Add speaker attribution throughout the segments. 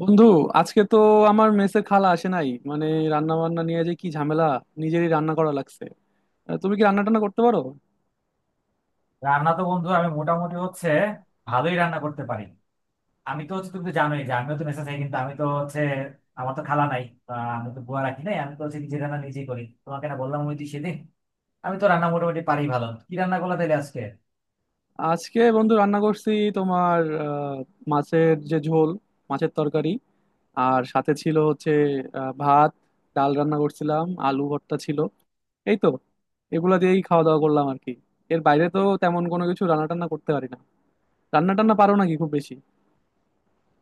Speaker 1: বন্ধু, আজকে তো আমার মেসে খালা আসে নাই, মানে রান্না বান্না নিয়ে যে কি ঝামেলা! নিজেরই রান্না করা লাগছে। তুমি কি রান্না টান্না করতে পারো?
Speaker 2: রান্না তো বন্ধু আমি মোটামুটি হচ্ছে ভালোই রান্না করতে পারি। আমি তো হচ্ছে তুমি তো জানোই যে আমিও তো মেসে থাকি, কিন্তু আমি তো হচ্ছে আমার তো খালা নাই। আমি তো বুয়া রাখি নাই, আমি তো হচ্ছে নিজে রান্না নিজেই করি। তোমাকে না বললাম ওই দিন সেদিন, আমি তো রান্না মোটামুটি পারি। ভালো, কি রান্না করলা তাহলে আজকে?
Speaker 1: আজকে বন্ধু রান্না করছি তোমার, মাছের যে ঝোল, মাছের তরকারি। আর সাথে ছিল হচ্ছে ভাত, ডাল রান্না করছিলাম, আলু ভর্তা ছিল। এই তো, এগুলা দিয়েই খাওয়া দাওয়া করলাম আর কি। এর বাইরে তো তেমন কোনো কিছু রান্না টান্না করতে পারি না। রান্না টান্না পারো নাকি খুব বেশি?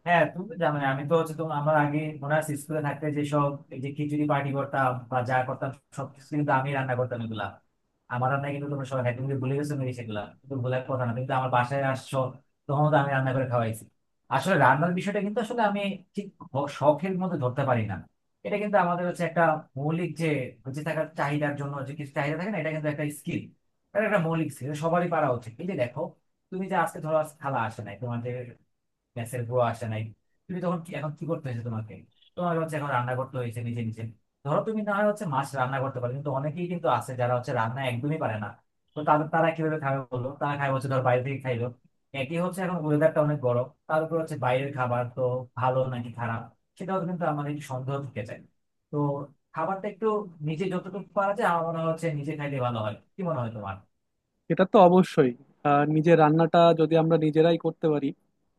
Speaker 2: হ্যাঁ, তুমি তো জানো আমি তো হচ্ছে তোমার আমার আগে মনে আছে স্কুলে থাকতে যেসব এই যে খিচুড়ি পার্টি করতাম বা যা করতাম, সবকিছু কিন্তু আমি রান্না করতাম এগুলা। আমার রান্না কিন্তু তোমরা সবাই খাই, তুমি তো ভুলে গেছো নাকি? সেগুলা কিন্তু ভুলার কথা না। কিন্তু আমার বাসায় আসছো তখন তো আমি রান্না করে খাওয়াইছি। আসলে রান্নার বিষয়টা কিন্তু আসলে আমি ঠিক শখের মধ্যে ধরতে পারি না। এটা কিন্তু আমাদের হচ্ছে একটা মৌলিক যে বেঁচে থাকার চাহিদার জন্য যে কিছু চাহিদা থাকে না, এটা কিন্তু একটা স্কিল। এটা একটা মৌলিক স্কিল, সবারই পারা উচিত। এই যে দেখো, তুমি যে আজকে ধরো আজকে খালা আসে নাই তোমাদের, গ্যাসের গুঁড়ো আসে নাই, তুমি তখন এখন কি করতে হয়েছে তোমাকে? তোমার হচ্ছে এখন রান্না করতে হয়েছে নিজে নিজে। ধরো তুমি না হয় হচ্ছে মাছ রান্না করতে পারো, কিন্তু অনেকেই কিন্তু আছে যারা হচ্ছে রান্না একদমই পারে না। তো তাদের, তারা কিভাবে খাবে? বললো তারা খাই হচ্ছে, ধর বাইরে থেকে খাইলো, একই হচ্ছে। এখন ওয়েদারটা অনেক গরম, তার উপর হচ্ছে বাইরের খাবার তো ভালো নাকি খারাপ সেটাও কিন্তু আমাদের একটু সন্দেহ থেকে যায়। তো খাবারটা একটু নিজে যতটুকু পারা যায়, আমার মনে হয় হচ্ছে নিজে খাইলে ভালো হয়। কি মনে হয় তোমার?
Speaker 1: এটা তো অবশ্যই। নিজের রান্নাটা যদি আমরা নিজেরাই করতে পারি,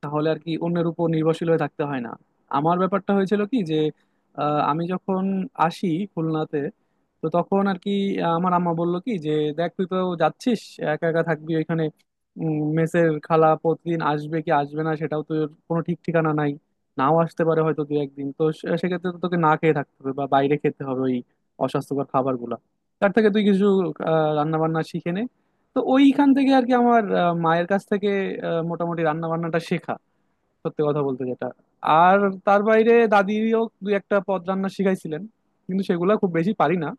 Speaker 1: তাহলে আর কি অন্যের উপর নির্ভরশীল হয়ে থাকতে হয় না। আমার ব্যাপারটা হয়েছিল কি, যে আমি যখন আসি খুলনাতে, তো তখন আর কি আমার আম্মা বললো কি, যে দেখ, তুই তো যাচ্ছিস, একা একা থাকবি ওইখানে, মেসের খালা প্রতিদিন আসবে কি আসবে না সেটাও তোর কোনো ঠিক ঠিকানা নাই। নাও আসতে পারে হয়তো দু একদিন, তো সেক্ষেত্রে তো তোকে না খেয়ে থাকতে হবে বা বাইরে খেতে হবে ওই অস্বাস্থ্যকর খাবারগুলো। তার থেকে তুই কিছু রান্না বান্না শিখে নে। তো ওইখান থেকে আর কি আমার মায়ের কাছ থেকে মোটামুটি রান্না বান্নাটা শেখা, সত্যি কথা বলতে, যেটা। আর তার বাইরে দাদিও দুই একটা পদ রান্না শিখাইছিলেন, কিন্তু সেগুলো খুব বেশি পারি না।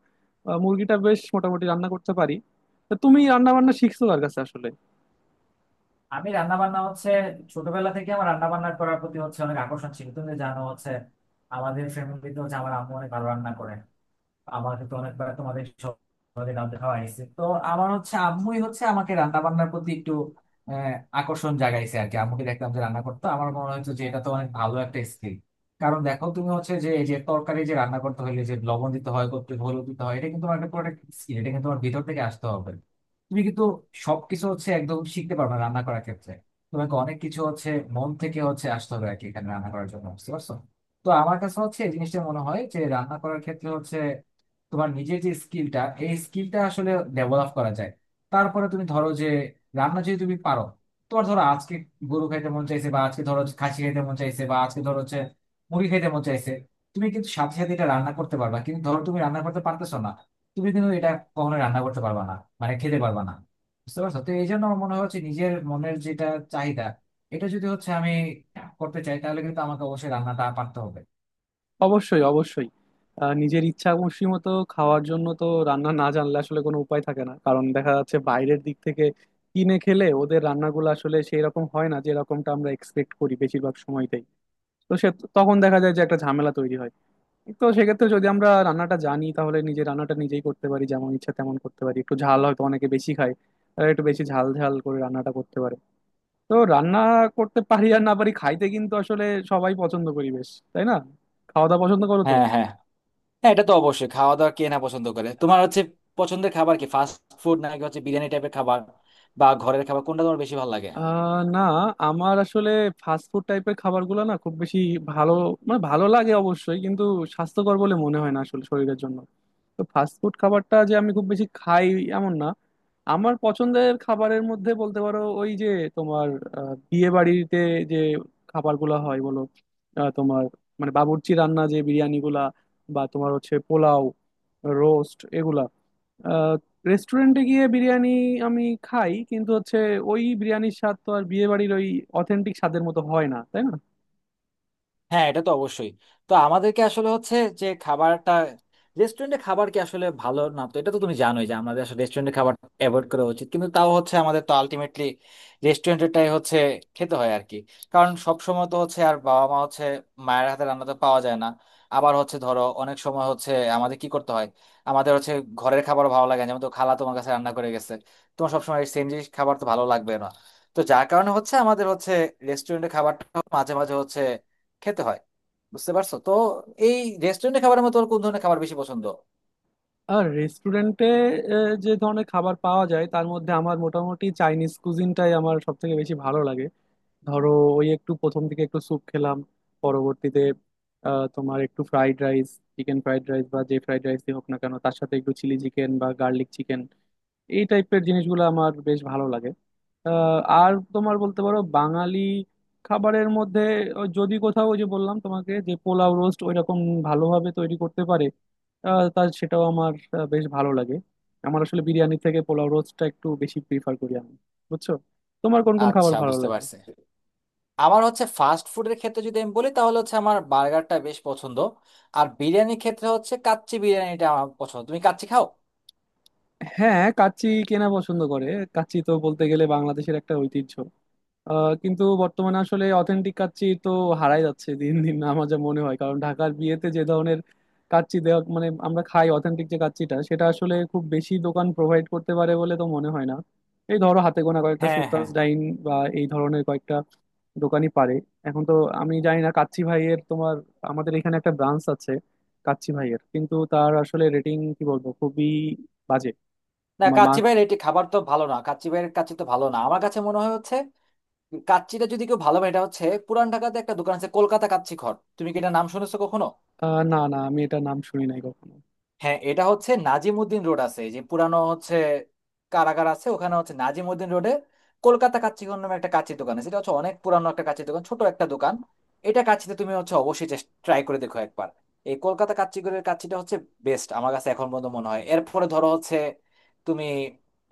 Speaker 1: মুরগিটা বেশ মোটামুটি রান্না করতে পারি। তা তুমি রান্না বান্না শিখছো কার কাছে আসলে?
Speaker 2: আমি রান্না বান্না হচ্ছে ছোটবেলা থেকে আমার রান্না বান্না করার প্রতি হচ্ছে অনেক আকর্ষণ ছিল। তুমি তো জানো হচ্ছে আমাদের ফ্যামিলিতে হচ্ছে আমার আম্মু অনেক ভালো রান্না করে। আমার তো অনেকবার তোমাদের সবাই রান্না খাওয়া হয়েছে তো। আমার হচ্ছে আম্মুই হচ্ছে আমাকে রান্না বান্নার প্রতি একটু আহ, আকর্ষণ জাগাইছে আর কি। আম্মুকে দেখতাম যে রান্না করতো, আমার মনে হচ্ছে যে এটা তো অনেক ভালো একটা স্কিল। কারণ দেখো তুমি হচ্ছে যে এই যে তরকারি যে রান্না করতে হলে যে লবণ দিতে হয়, করতে হলুদ দিতে হয়, এটা কিন্তু তোমার একটা প্রোডাক্ট স্কিল, এটা কিন্তু তোমার ভিতর থেকে আসতে হবে। তুমি কিন্তু সবকিছু হচ্ছে একদম শিখতে পারবে না রান্না করার ক্ষেত্রে। তোমাকে অনেক কিছু হচ্ছে মন থেকে হচ্ছে আসতে হবে আর কি এখানে রান্না করার জন্য, বুঝতে পারছো? তো আমার কাছে হচ্ছে এই জিনিসটা মনে হয় যে রান্না করার ক্ষেত্রে হচ্ছে তোমার নিজের যে স্কিলটা, এই স্কিলটা আসলে ডেভেলপ করা যায়। তারপরে তুমি ধরো যে রান্না যদি তুমি পারো, তোমার ধরো আজকে গরু খাইতে মন চাইছে, বা আজকে ধরো খাসি খাইতে মন চাইছে, বা আজকে ধরো হচ্ছে মুরগি খাইতে মন চাইছে, তুমি কিন্তু সাথে সাথে এটা রান্না করতে পারবা। কিন্তু ধরো তুমি রান্না করতে পারতেছো না, তুমি কিন্তু এটা কখনো রান্না করতে পারবা না, মানে খেতে পারবা না। বুঝতে পারছো তো? এই জন্য আমার মনে হচ্ছে নিজের মনের যেটা চাহিদা, এটা যদি হচ্ছে আমি করতে চাই, তাহলে কিন্তু আমাকে অবশ্যই রান্নাটা পারতে হবে।
Speaker 1: অবশ্যই, অবশ্যই। নিজের ইচ্ছা খুশি মতো খাওয়ার জন্য তো রান্না না জানলে আসলে কোনো উপায় থাকে না। কারণ দেখা যাচ্ছে বাইরের দিক থেকে কিনে খেলে ওদের রান্নাগুলো আসলে সেই রকম হয় না যেরকমটা আমরা এক্সপেক্ট করি বেশিরভাগ সময়তে। তো সে, তখন দেখা যায় যে একটা ঝামেলা তৈরি হয়। তো সেক্ষেত্রে যদি আমরা রান্নাটা জানি, তাহলে নিজে রান্নাটা নিজেই করতে পারি, যেমন ইচ্ছা তেমন করতে পারি। একটু ঝাল হয়তো অনেকে বেশি খায়, তারা একটু বেশি ঝাল ঝাল করে রান্নাটা করতে পারে। তো রান্না করতে পারি আর না পারি, খাইতে কিন্তু আসলে সবাই পছন্দ করি বেশ, তাই না? খাওয়া দাওয়া পছন্দ করো তো?
Speaker 2: হ্যাঁ, হ্যাঁ। হ্যাঁ, এটা তো অবশ্যই, খাওয়া দাওয়া কে না পছন্দ করে। তোমার হচ্ছে পছন্দের খাবার কি ফাস্ট ফুড, নাকি হচ্ছে বিরিয়ানি টাইপের খাবার, বা ঘরের খাবার, কোনটা তোমার বেশি ভালো লাগে?
Speaker 1: না, আমার আসলে ফাস্ট ফুড টাইপের খাবারগুলো না খুব বেশি ভালো, মানে ভালো লাগে অবশ্যই, কিন্তু স্বাস্থ্যকর বলে মনে হয় না আসলে শরীরের জন্য। তো ফাস্ট ফুড খাবারটা যে আমি খুব বেশি খাই এমন না। আমার পছন্দের খাবারের মধ্যে বলতে পারো ওই যে তোমার বিয়ে বাড়িতে যে খাবারগুলো হয় বলো, তোমার মানে বাবুর্চি রান্না যে বিরিয়ানিগুলা, বা তোমার হচ্ছে পোলাও, রোস্ট এগুলা। আহ, রেস্টুরেন্টে গিয়ে বিরিয়ানি আমি খাই, কিন্তু হচ্ছে ওই বিরিয়ানির স্বাদ তো আর বিয়ে বাড়ির ওই অথেন্টিক স্বাদের মতো হয় না, তাই না?
Speaker 2: হ্যাঁ, এটা তো অবশ্যই। তো আমাদেরকে আসলে হচ্ছে যে খাবারটা, রেস্টুরেন্টে খাবার কি আসলে ভালো না তো, এটা তো তুমি জানোই যে আমাদের আসলে রেস্টুরেন্টে খাবার অ্যাভয়েড করা উচিত। কিন্তু তাও হচ্ছে আমাদের তো আলটিমেটলি রেস্টুরেন্টেরটাই হচ্ছে খেতে হয় আর কি। কারণ সব সময় তো হচ্ছে আর বাবা মা হচ্ছে মায়ের হাতে রান্না তো পাওয়া যায় না। আবার হচ্ছে ধরো অনেক সময় হচ্ছে আমাদের কি করতে হয়, আমাদের হচ্ছে ঘরের খাবার ভালো লাগে না। যেমন তো খালা তোমার কাছে রান্না করে গেছে, তোমার সবসময় সেম জিনিস খাবার তো ভালো লাগবে না। তো যার কারণে হচ্ছে আমাদের হচ্ছে রেস্টুরেন্টের খাবারটা মাঝে মাঝে হচ্ছে খেতে হয়, বুঝতে পারছো তো? এই রেস্টুরেন্টে খাবারের মতো ওর কোন ধরনের খাবার বেশি পছন্দ?
Speaker 1: আর রেস্টুরেন্টে যে ধরনের খাবার পাওয়া যায় তার মধ্যে আমার মোটামুটি চাইনিজ কুজিনটাই আমার সব থেকে বেশি ভালো লাগে। ধরো ওই একটু প্রথম দিকে একটু স্যুপ খেলাম, পরবর্তীতে তোমার একটু fried rice, chicken fried rice বা যে ফ্রাইড রাইস হোক না কেন, তার সাথে একটু চিলি চিকেন বা গার্লিক চিকেন। এই টাইপের জিনিসগুলো আমার বেশ ভালো লাগে। আর তোমার বলতে পারো বাঙালি খাবারের মধ্যে যদি কোথাও ওই যে বললাম তোমাকে যে পোলাও রোস্ট ওইরকম ভালোভাবে তৈরি করতে পারে, তার সেটাও আমার বেশ ভালো লাগে। আমার আসলে বিরিয়ানি থেকে পোলাও রোস্টটা একটু বেশি প্রিফার করি আমি, বুঝছো? তোমার কোন কোন খাবার
Speaker 2: আচ্ছা,
Speaker 1: ভালো
Speaker 2: বুঝতে
Speaker 1: লাগে?
Speaker 2: পারছে। আমার হচ্ছে ফাস্ট ফুডের ক্ষেত্রে যদি আমি বলি, তাহলে হচ্ছে আমার বার্গারটা বেশ পছন্দ। আর বিরিয়ানির ক্ষেত্রে হচ্ছে কাচ্চি বিরিয়ানিটা আমার পছন্দ। তুমি কাচ্চি খাও?
Speaker 1: হ্যাঁ, কাচ্চি কেনা পছন্দ করে? কাচ্চি তো বলতে গেলে বাংলাদেশের একটা ঐতিহ্য। কিন্তু বর্তমানে আসলে অথেন্টিক কাচ্চি তো হারাই যাচ্ছে দিন দিন আমার যা মনে হয়। কারণ ঢাকার বিয়েতে যে ধরনের কাচ্চি দেওয়া মানে আমরা খাই, অথেন্টিক যে কাচ্চিটা, সেটা আসলে খুব বেশি দোকান প্রোভাইড করতে পারে বলে তো মনে হয় না। এই ধরো হাতে গোনা কয়েকটা
Speaker 2: হ্যাঁ, হ্যাঁ।
Speaker 1: সুলতানস ডাইন বা এই ধরনের কয়েকটা দোকানই পারে। এখন তো আমি জানি না, কাচ্চি ভাইয়ের তোমার আমাদের এখানে একটা ব্রাঞ্চ আছে কাচ্চি ভাইয়ের, কিন্তু তার আসলে রেটিং কি বলবো, খুবই বাজে।
Speaker 2: না,
Speaker 1: তোমার মা।
Speaker 2: কাচ্চি ভাইয়ের এটি খাবার তো ভালো না, কাচ্চি ভাইয়ের কাচ্চি তো ভালো না। আমার কাছে মনে হয় হচ্ছে কাচ্চিটা যদি কেউ ভালো হয়, এটা হচ্ছে পুরান ঢাকাতে একটা দোকান আছে কলকাতা কাচ্চি ঘর। তুমি কি এটা নাম শুনেছো কখনো?
Speaker 1: না, না, আমি এটা নাম শুনি নাই কখনো।
Speaker 2: হ্যাঁ, এটা হচ্ছে নাজিমুদ্দিন রোড আছে, এই যে পুরানো হচ্ছে কারাগার আছে, ওখানে হচ্ছে নাজিমুদ্দিন রোডে কলকাতা কাচ্চিগণ নামে একটা কাচ্চি দোকান আছে। এটা হচ্ছে অনেক পুরানো একটা কাচ্চি দোকান, ছোট একটা দোকান। এটা কাচ্চিতে তুমি হচ্ছে অবশ্যই ট্রাই করে দেখো একবার। এই কলকাতা কাচ্চিগড়ের কাচ্চিটা হচ্ছে বেস্ট আমার কাছে এখন পর্যন্ত মনে হয়। এরপরে ধরো হচ্ছে তুমি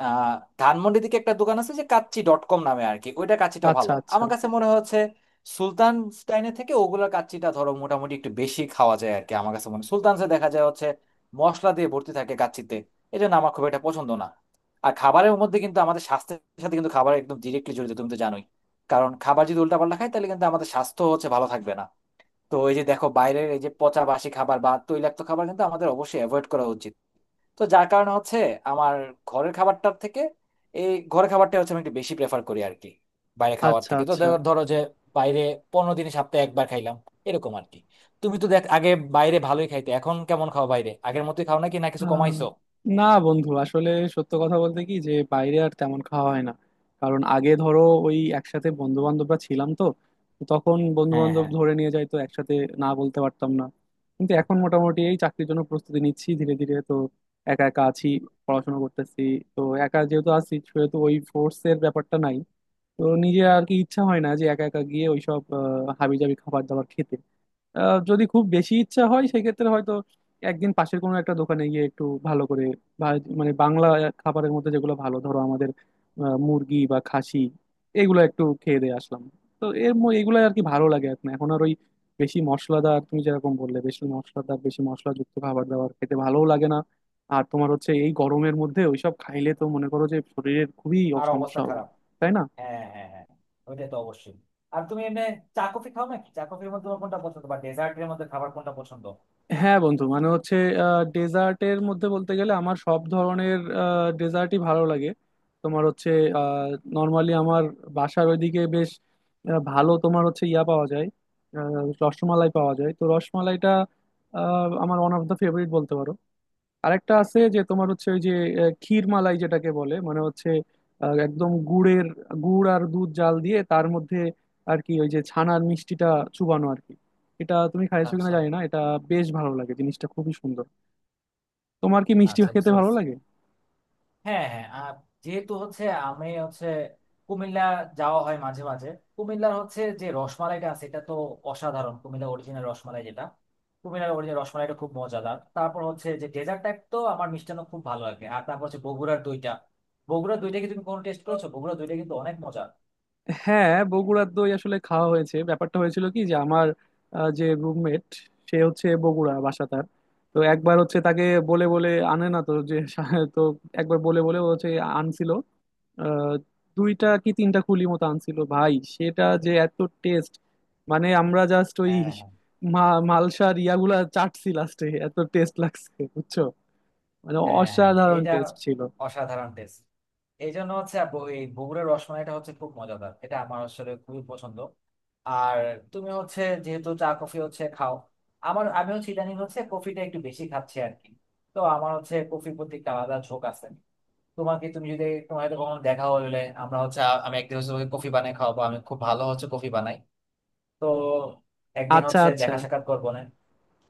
Speaker 2: আহ ধানমন্ডি দিকে একটা দোকান আছে যে কাচ্চি ডট কম নামে আর কি, ওইটা কাচ্চিটা
Speaker 1: আচ্ছা,
Speaker 2: ভালো
Speaker 1: আচ্ছা।
Speaker 2: আমার কাছে মনে হয় হচ্ছে। সুলতান স্টাইনের থেকে ওগুলোর কাচ্চিটা ধরো মোটামুটি একটু বেশি খাওয়া যায় আর কি আমার কাছে মনে হয়। সুলতানসে দেখা যায় হচ্ছে মশলা দিয়ে ভর্তি থাকে কাচ্চিতে, এই জন্য আমার খুব একটা পছন্দ না। আর খাবারের মধ্যে কিন্তু আমাদের স্বাস্থ্যের সাথে কিন্তু খাবার একদম ডিরেক্টলি জড়িত, তুমি তো জানোই। কারণ খাবার যদি উল্টাপাল্টা খাই, তাহলে কিন্তু আমাদের স্বাস্থ্য হচ্ছে ভালো থাকবে না। তো এই যে দেখো বাইরের এই যে পচা বাসি খাবার বা তৈলাক্ত খাবার, কিন্তু আমাদের অবশ্যই অ্যাভয়েড করা উচিত। তো যার কারণে হচ্ছে আমার ঘরের খাবারটার থেকে, এই ঘরের খাবারটা হচ্ছে আমি একটু বেশি প্রেফার করি আর কি বাইরে খাওয়ার
Speaker 1: আচ্ছা,
Speaker 2: থেকে। তো
Speaker 1: আচ্ছা।
Speaker 2: ধরো যে বাইরে 15 দিন সপ্তাহে একবার খাইলাম, এরকম আর কি। তুমি তো দেখ আগে বাইরে ভালোই খাইতে, এখন কেমন খাও বাইরে? আগের মতোই খাও নাকি না, কিছু
Speaker 1: আহ,
Speaker 2: কমাইছো?
Speaker 1: না বন্ধু আসলে, সত্য কথা বলতে কি, যে বাইরে আর তেমন খাওয়া হয় না। কারণ আগে ধরো ওই একসাথে বন্ধু বান্ধবরা ছিলাম তো তো তখন বন্ধু
Speaker 2: হ্যাঁ,
Speaker 1: বান্ধব
Speaker 2: হ্যাঁ।
Speaker 1: ধরে নিয়ে যাইতো একসাথে, না বলতে পারতাম না। কিন্তু এখন মোটামুটি এই চাকরির জন্য প্রস্তুতি নিচ্ছি ধীরে ধীরে তো, একা একা আছি, পড়াশোনা করতেছি। তো একা যেহেতু আছি, সেহেতু ওই ফোর্স এর ব্যাপারটা নাই। তো নিজে আর কি ইচ্ছা হয় না যে একা একা গিয়ে ওইসব হাবিজাবি খাবার দাবার খেতে। যদি খুব বেশি ইচ্ছা হয় সেক্ষেত্রে হয়তো একদিন পাশের কোনো একটা দোকানে গিয়ে একটু ভালো করে মানে বাংলা খাবারের মধ্যে যেগুলো ভালো, ধরো আমাদের মুরগি বা খাসি, এগুলো একটু খেয়ে দিয়ে আসলাম। তো এগুলো আর কি ভালো লাগে, এখন এখন আর ওই বেশি মশলাদার, তুমি যেরকম বললে, বেশি মশলাদার বেশি মশলাযুক্ত খাবার দাবার খেতে ভালোও লাগে না। আর তোমার হচ্ছে এই গরমের মধ্যে ওইসব খাইলে তো মনে করো যে শরীরের খুবই
Speaker 2: আর
Speaker 1: সমস্যা
Speaker 2: অবস্থা
Speaker 1: হবে,
Speaker 2: খারাপ।
Speaker 1: তাই না?
Speaker 2: হ্যাঁ, হ্যাঁ, হ্যাঁ, ওইটা তো অবশ্যই। আর তুমি এমনি চা কফি খাও নাকি? চা কফির মধ্যে তোমার কোনটা পছন্দ, বা ডেজার্টের মধ্যে খাবার কোনটা পছন্দ?
Speaker 1: হ্যাঁ বন্ধু, মানে হচ্ছে ডেজার্টের মধ্যে বলতে গেলে আমার সব ধরনের ডেজার্টই ভালো লাগে। তোমার হচ্ছে, নর্মালি আমার বাসার ওইদিকে বেশ ভালো তোমার হচ্ছে ইয়া পাওয়া যায়, আহ, রসমালাই পাওয়া যায়, তো রসমালাইটা আমার ওয়ান অফ দ্য ফেভারিট বলতে পারো। আরেকটা আছে, যে তোমার হচ্ছে ওই যে ক্ষীর মালাই যেটাকে বলে, মানে হচ্ছে একদম গুড়ের, গুড় আর দুধ জাল দিয়ে তার মধ্যে আর কি ওই যে ছানার মিষ্টিটা চুবানো আর কি। এটা তুমি খাইছো কিনা
Speaker 2: আচ্ছা,
Speaker 1: জানি না, এটা বেশ ভালো লাগে জিনিসটা, খুবই সুন্দর। তোমার কি মিষ্টি
Speaker 2: আচ্ছা,
Speaker 1: খেতে
Speaker 2: বুঝতে
Speaker 1: ভালো
Speaker 2: পারছি।
Speaker 1: লাগে?
Speaker 2: হ্যাঁ, হ্যাঁ। আর যেহেতু হচ্ছে আমি হচ্ছে কুমিল্লা যাওয়া হয় মাঝে মাঝে, কুমিল্লার হচ্ছে যে রসমালাইটা আছে এটা তো অসাধারণ। কুমিল্লা অরিজিনাল রসমালাই যেটা, কুমিল্লার অরিজিনাল রসমালাইটা খুব মজাদার। তারপর হচ্ছে যে ডেজার্ট টাইপ তো আমার মিষ্টান্ন খুব ভালো লাগে। আর তারপর হচ্ছে বগুড়ার দইটা, বগুড়ার দইটা কি তুমি কোনো টেস্ট করেছো? বগুড়ার দইটা কিন্তু অনেক মজা।
Speaker 1: হ্যাঁ, বগুড়ার দই আসলে খাওয়া হয়েছে। ব্যাপারটা হয়েছিল কি, যে আমার যে রুমমেট, সে হচ্ছে বগুড়া বাসা তার। তো একবার হচ্ছে তাকে বলে বলে আনে না তো, যে তো একবার বলে বলে ও হচ্ছে আনছিল, আহ, দুইটা কি তিনটা কুলি মতো আনছিল ভাই, সেটা যে এত টেস্ট। মানে আমরা জাস্ট ওই
Speaker 2: হ্যাঁ,
Speaker 1: মালসার ইয়াগুলা চাটছি লাস্টে, এত টেস্ট লাগছে, বুঝছো? মানে
Speaker 2: হ্যাঁ, হ্যাঁ,
Speaker 1: অসাধারণ
Speaker 2: এটা
Speaker 1: টেস্ট ছিল।
Speaker 2: অসাধারণ টেস্ট। এই জন্য হচ্ছে এই বগুড়ার রসমালাইটা হচ্ছে খুব মজাদার, এটা আমার আসলে খুবই পছন্দ। আর তুমি হচ্ছে যেহেতু চা কফি হচ্ছে খাও, আমার আমি হচ্ছে ইদানিং হচ্ছে কফিটা একটু বেশি খাচ্ছি আর কি। তো আমার হচ্ছে কফির প্রতি একটা আলাদা ঝোঁক আছে। তোমাকে তুমি যদি তোমার হয়তো কখনো দেখা হলে, আমরা হচ্ছে আমি একদিন হচ্ছে তোমাকে কফি বানাই খাওয়াবো, আমি খুব ভালো হচ্ছে কফি বানাই। তো একদিন
Speaker 1: আচ্ছা,
Speaker 2: হচ্ছে
Speaker 1: আচ্ছা।
Speaker 2: দেখা সাক্ষাৎ করবো না?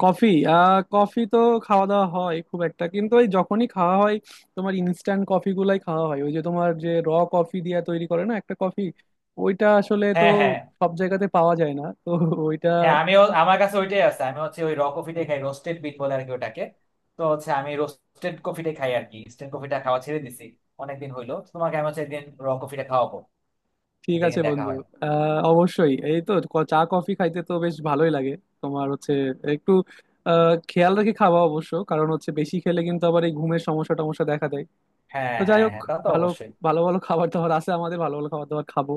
Speaker 1: কফি কফি তো খাওয়া দাওয়া হয় খুব একটা কিন্তু, ওই যখনই খাওয়া হয়, তোমার ইনস্ট্যান্ট কফি গুলাই খাওয়া হয়। ওই যে তোমার যে র কফি দিয়ে তৈরি করে না একটা কফি, ওইটা আসলে তো
Speaker 2: হ্যাঁ, হ্যাঁ,
Speaker 1: সব জায়গাতে পাওয়া যায় না তো ওইটা।
Speaker 2: হ্যাঁ, আমিও আমার কাছে ওইটাই আছে, আমি হচ্ছে ওই র কফিটাই খাই, রোস্টেড বিট বলে আর কি ওটাকে। তো হচ্ছে আমি রোস্টেড কফিটাই খাই আর কি, ইনস্ট্যান্ট কফিটা খাওয়া ছেড়ে দিছি অনেকদিন হইলো। তোমাকে আমি হচ্ছে একদিন র কফিটা খাওয়াবো
Speaker 1: ঠিক
Speaker 2: যদি
Speaker 1: আছে
Speaker 2: একদিন দেখা
Speaker 1: বন্ধু।
Speaker 2: হয়।
Speaker 1: আহ অবশ্যই, এই তো চা কফি খাইতে তো বেশ ভালোই লাগে। তোমার হচ্ছে একটু খেয়াল রেখে খাওয়া অবশ্য, কারণ হচ্ছে বেশি খেলে কিন্তু আবার এই ঘুমের সমস্যা টমস্যা দেখা দেয়।
Speaker 2: হ্যাঁ,
Speaker 1: তো যাই
Speaker 2: হ্যাঁ,
Speaker 1: হোক,
Speaker 2: হ্যাঁ, তা তো
Speaker 1: ভালো
Speaker 2: অবশ্যই।
Speaker 1: ভালো ভালো খাবার দাবার আছে আমাদের, ভালো ভালো খাবার দাবার খাবো।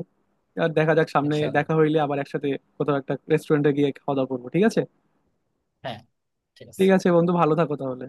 Speaker 1: আর দেখা যাক সামনে
Speaker 2: ইনশাল্লাহ।
Speaker 1: দেখা হইলে আবার একসাথে কোথাও একটা রেস্টুরেন্টে গিয়ে খাওয়া দাওয়া করবো, ঠিক আছে?
Speaker 2: হ্যাঁ, ঠিক আছে।
Speaker 1: ঠিক আছে বন্ধু, ভালো থাকো তাহলে।